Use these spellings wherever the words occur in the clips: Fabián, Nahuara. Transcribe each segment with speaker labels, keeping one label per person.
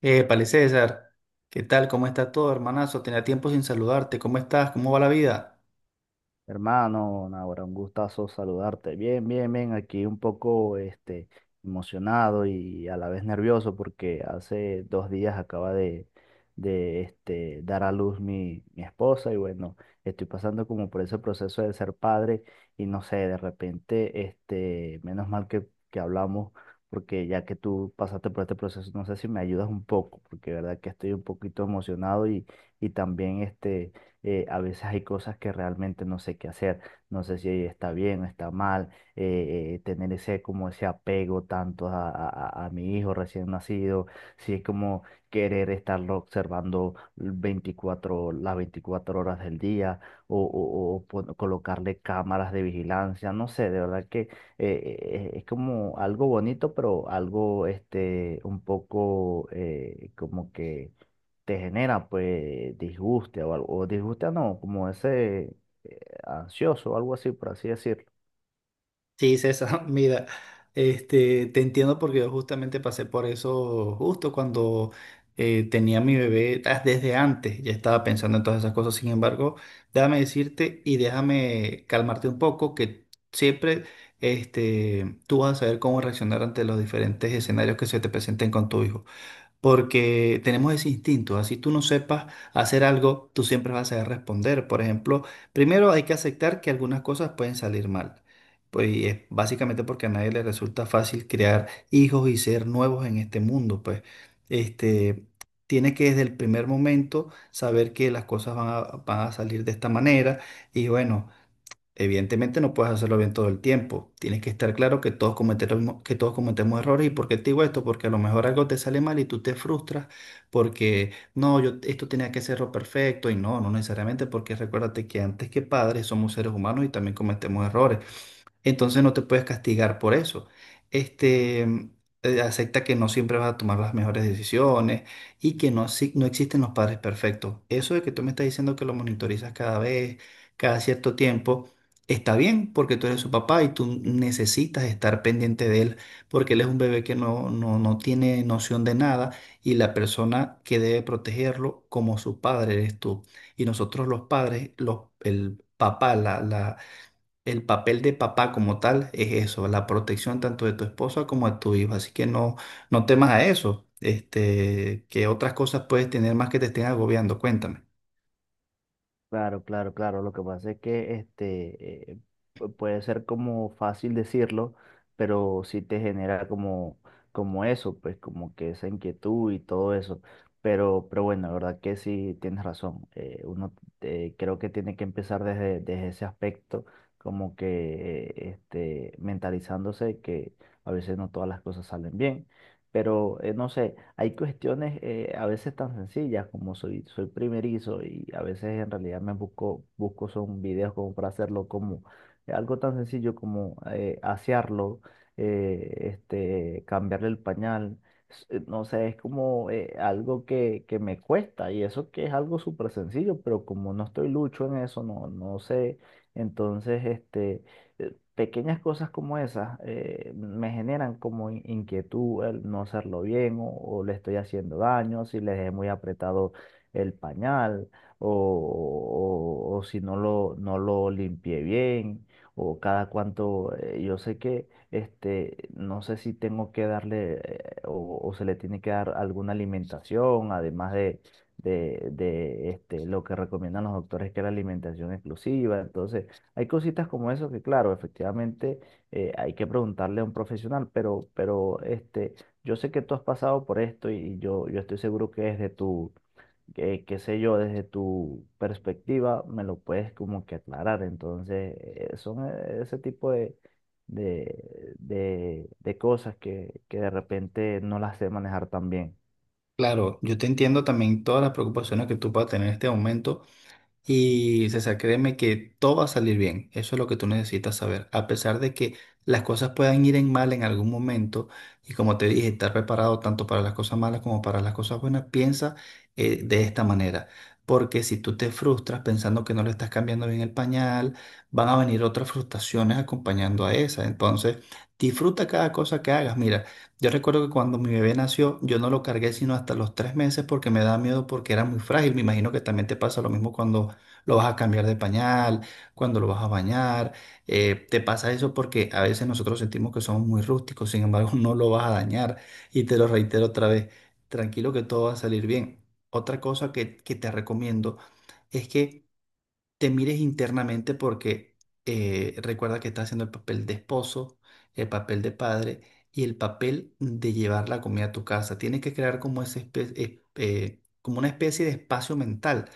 Speaker 1: Épale, César, ¿qué tal? ¿Cómo está todo, hermanazo? Tenía tiempo sin saludarte. ¿Cómo estás? ¿Cómo va la vida?
Speaker 2: Hermano, Nahuara, un gustazo saludarte. Bien, bien, bien, aquí un poco emocionado y a la vez nervioso porque hace dos días acaba de dar a luz mi esposa y bueno, estoy pasando como por ese proceso de ser padre y no sé, de repente, menos mal que hablamos porque ya que tú pasaste por este proceso, no sé si me ayudas un poco porque de verdad que estoy un poquito emocionado y también a veces hay cosas que realmente no sé qué hacer, no sé si está bien o está mal, tener ese como ese apego tanto a mi hijo recién nacido, si es como querer estarlo observando las 24 horas del día o colocarle cámaras de vigilancia, no sé, de verdad que es como algo bonito, pero algo un poco como que te genera pues disguste o algo, o disguste no, como ese eh, ansioso o algo así, por así decirlo.
Speaker 1: Sí, César, mira, te entiendo porque yo justamente pasé por eso justo cuando tenía mi bebé, ah, desde antes ya estaba pensando en todas esas cosas. Sin embargo, déjame decirte y déjame calmarte un poco que siempre tú vas a saber cómo reaccionar ante los diferentes escenarios que se te presenten con tu hijo. Porque tenemos ese instinto. Así tú no sepas hacer algo, tú siempre vas a saber responder. Por ejemplo, primero hay que aceptar que algunas cosas pueden salir mal. Pues y es básicamente porque a nadie le resulta fácil crear hijos y ser nuevos en este mundo. Pues este, tienes que desde el primer momento saber que las cosas van a salir de esta manera y bueno. Evidentemente no puedes hacerlo bien todo el tiempo. Tienes que estar claro que todos cometemos errores. ¿Y por qué te digo esto? Porque a lo mejor algo te sale mal y tú te frustras porque no, yo esto tenía que serlo perfecto y no, no necesariamente porque recuérdate que antes que padres somos seres humanos y también cometemos errores. Entonces no te puedes castigar por eso. Este, acepta que no siempre vas a tomar las mejores decisiones y que no, no existen los padres perfectos. Eso de que tú me estás diciendo que lo monitorizas cada vez, cada cierto tiempo, está bien porque tú eres su papá y tú necesitas estar pendiente de él porque él es un bebé que no, no, no tiene noción de nada y la persona que debe protegerlo como su padre eres tú. Y nosotros los padres, el papá, el papel de papá como tal es eso, la protección tanto de tu esposa como de tu hijo. Así que no, no temas a eso. Que otras cosas puedes tener más que te estén agobiando. Cuéntame.
Speaker 2: Claro, claro, claro. Lo que pasa es que puede ser como fácil decirlo, pero sí te genera como eso, pues como que esa inquietud y todo eso. Pero bueno, la verdad que sí tienes razón. Uno creo que tiene que empezar desde ese aspecto, como que mentalizándose que a veces no todas las cosas salen bien. Pero no sé, hay cuestiones a veces tan sencillas como soy primerizo y a veces en realidad me busco son videos como para hacerlo como algo tan sencillo como asearlo, cambiarle el pañal. No sé, es como algo que me cuesta y eso que es algo súper sencillo, pero como no estoy lucho en eso, no, no sé. Entonces, pequeñas cosas como esas me generan como inquietud el no hacerlo bien o le estoy haciendo daño, si le dejé muy apretado el pañal o, o si no lo limpié bien o cada cuanto, yo sé que no sé si tengo que darle o se le tiene que dar alguna alimentación, además de... De lo que recomiendan los doctores que es la alimentación exclusiva. Entonces, hay cositas como eso que, claro, efectivamente hay que preguntarle a un profesional, pero yo sé que tú has pasado por esto y yo estoy seguro que desde qué sé yo, desde tu perspectiva me lo puedes como que aclarar. Entonces, son ese tipo de cosas que de repente no las sé manejar tan bien.
Speaker 1: Claro, yo te entiendo también todas las preocupaciones que tú puedas tener en este momento. Y César, créeme que todo va a salir bien. Eso es lo que tú necesitas saber. A pesar de que las cosas puedan ir en mal en algún momento, y como te dije, estar preparado tanto para las cosas malas como para las cosas buenas, piensa de esta manera. Porque si tú te frustras pensando que no le estás cambiando bien el pañal, van a venir otras frustraciones acompañando a esa. Entonces, disfruta cada cosa que hagas. Mira, yo recuerdo que cuando mi bebé nació, yo no lo cargué sino hasta los 3 meses porque me da miedo porque era muy frágil. Me imagino que también te pasa lo mismo cuando lo vas a cambiar de pañal, cuando lo vas a bañar. Te pasa eso porque a veces nosotros sentimos que somos muy rústicos, sin embargo no lo vas a dañar. Y te lo reitero otra vez, tranquilo que todo va a salir bien. Otra cosa que te recomiendo es que te mires internamente porque recuerda que estás haciendo el papel de esposo, el papel de padre y el papel de llevar la comida a tu casa. Tienes que crear como, como una especie de espacio mental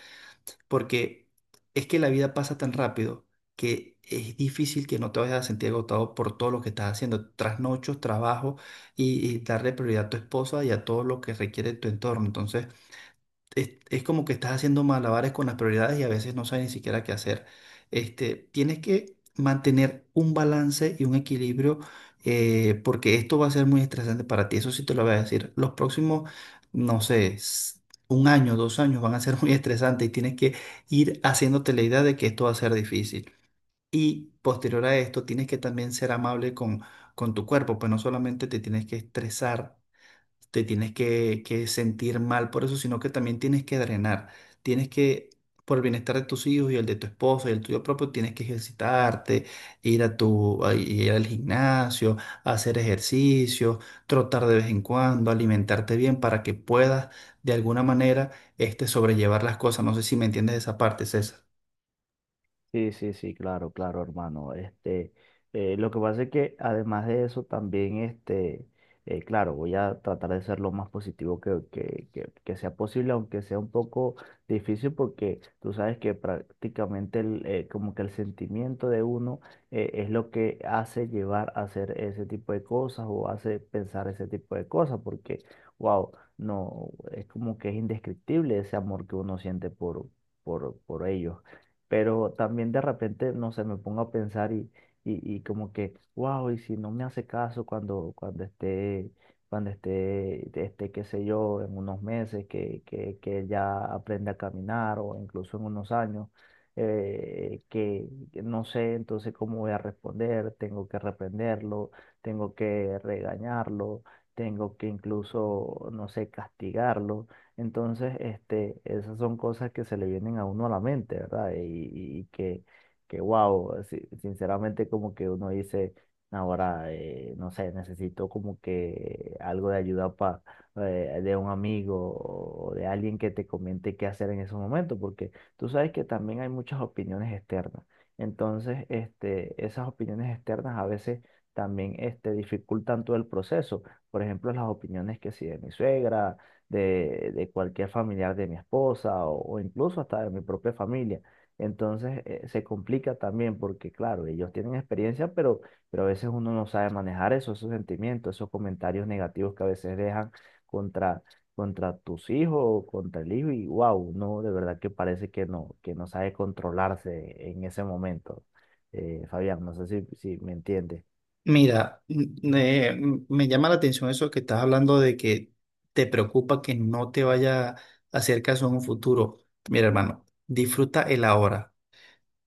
Speaker 1: porque es que la vida pasa tan rápido que es difícil que no te vayas a sentir agotado por todo lo que estás haciendo, trasnochos, trabajo y darle prioridad a tu esposa y a todo lo que requiere tu entorno. Entonces, es como que estás haciendo malabares con las prioridades y a veces no sabes ni siquiera qué hacer. Tienes que mantener un balance y un equilibrio porque esto va a ser muy estresante para ti. Eso sí te lo voy a decir. Los próximos, no sé, un año, 2 años van a ser muy estresantes y tienes que ir haciéndote la idea de que esto va a ser difícil. Y posterior a esto, tienes que también ser amable con, tu cuerpo, pues no solamente te tienes que estresar, te tienes que sentir mal por eso, sino que también tienes que drenar. Tienes que, por el bienestar de tus hijos y el de tu esposa y el tuyo propio, tienes que ejercitarte, ir a tu, a ir al gimnasio, hacer ejercicio, trotar de vez en cuando, alimentarte bien para que puedas de alguna manera sobrellevar las cosas. No sé si me entiendes esa parte, César.
Speaker 2: Sí, sí, sí, claro, claro, hermano. Lo que pasa es que además de eso también, claro, voy a tratar de ser lo más positivo que sea posible, aunque sea un poco difícil, porque tú sabes que prácticamente como que el sentimiento de uno es lo que hace llevar a hacer ese tipo de cosas o hace pensar ese tipo de cosas, porque, wow, no, es como que es indescriptible ese amor que uno siente por ellos pero también de repente, no sé, me pongo a pensar y como que, wow, y si no me hace caso cuando esté, cuando esté, qué sé yo, en unos meses, que ya aprende a caminar o incluso en unos años, que no sé entonces cómo voy a responder, tengo que reprenderlo, tengo que regañarlo, tengo que incluso, no sé, castigarlo. Entonces, esas son cosas que se le vienen a uno a la mente, ¿verdad? Y que wow, sinceramente como que uno dice, ahora, no sé, necesito como que algo de ayuda pa, de un amigo o de alguien que te comente qué hacer en ese momento, porque tú sabes que también hay muchas opiniones externas. Entonces, esas opiniones externas a veces también, dificultan todo el proceso. Por ejemplo, las opiniones que si de mi suegra de cualquier familiar de mi esposa o incluso hasta de mi propia familia. Entonces se complica también porque, claro, ellos tienen experiencia, pero a veces uno no sabe manejar eso, esos sentimientos, esos comentarios negativos que a veces dejan contra, contra tus hijos o contra el hijo y wow, no, de verdad que parece que no sabe controlarse en ese momento. Fabián, no sé si me entiendes.
Speaker 1: Mira, me llama la atención eso que estás hablando de que te preocupa que no te vaya a hacer caso en un futuro. Mira, hermano, disfruta el ahora.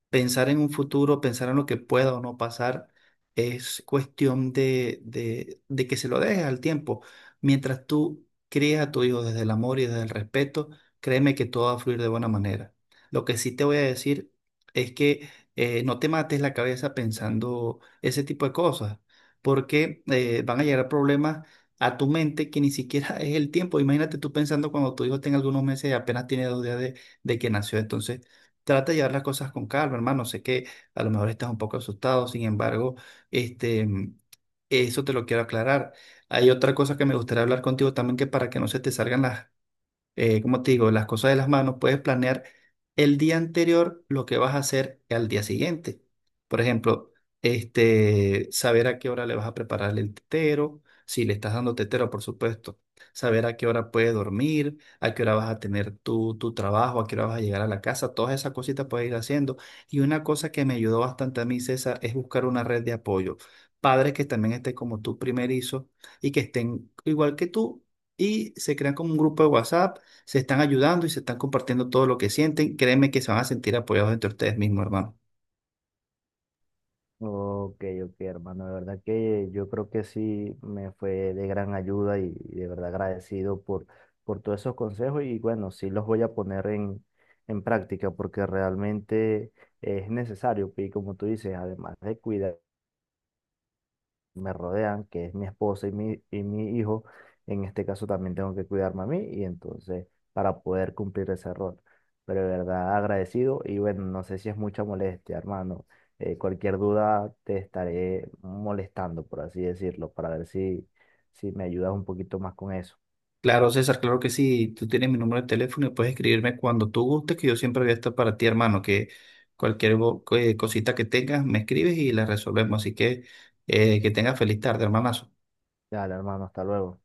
Speaker 1: Pensar en un futuro, pensar en lo que pueda o no pasar, es cuestión de que se lo dejes al tiempo. Mientras tú crías a tu hijo desde el amor y desde el respeto, créeme que todo va a fluir de buena manera. Lo que sí te voy a decir es que no te mates la cabeza pensando ese tipo de cosas, porque van a llegar problemas a tu mente que ni siquiera es el tiempo. Imagínate tú pensando cuando tu hijo tenga algunos meses y apenas tiene 2 días de que nació. Entonces, trata de llevar las cosas con calma, hermano. Sé que a lo mejor estás un poco asustado, sin embargo, este, eso te lo quiero aclarar. Hay otra cosa que me gustaría hablar contigo también, que para que no se te salgan las como te digo, las cosas de las manos, puedes planear el día anterior lo que vas a hacer al día siguiente. Por ejemplo, saber a qué hora le vas a preparar el tetero, si le estás dando tetero, por supuesto. Saber a qué hora puede dormir, a qué hora vas a tener tu trabajo, a qué hora vas a llegar a la casa, todas esas cositas puedes ir haciendo. Y una cosa que me ayudó bastante a mí, César, es buscar una red de apoyo. Padres que también estén como tú primerizo y que estén igual que tú y se crean como un grupo de WhatsApp, se están ayudando y se están compartiendo todo lo que sienten. Créeme que se van a sentir apoyados entre ustedes mismos, hermano.
Speaker 2: Ok, ok, hermano, de verdad que yo creo que sí me fue de gran ayuda y de verdad agradecido por todos esos consejos y bueno, sí los voy a poner en práctica porque realmente es necesario pues, y como tú dices, además de cuidar me rodean, que es mi esposa y mi hijo, en este caso también tengo que cuidarme a mí y entonces para poder cumplir ese rol. Pero de verdad agradecido y bueno, no sé si es mucha molestia, hermano. Cualquier duda te estaré molestando, por así decirlo, para ver si me ayudas un poquito más con eso.
Speaker 1: Claro, César, claro que sí. Tú tienes mi número de teléfono y puedes escribirme cuando tú gustes, que yo siempre voy a estar para ti, hermano. Que cualquier cosita que tengas, me escribes y la resolvemos. Así que tengas feliz tarde, hermano.
Speaker 2: Dale, hermano, hasta luego.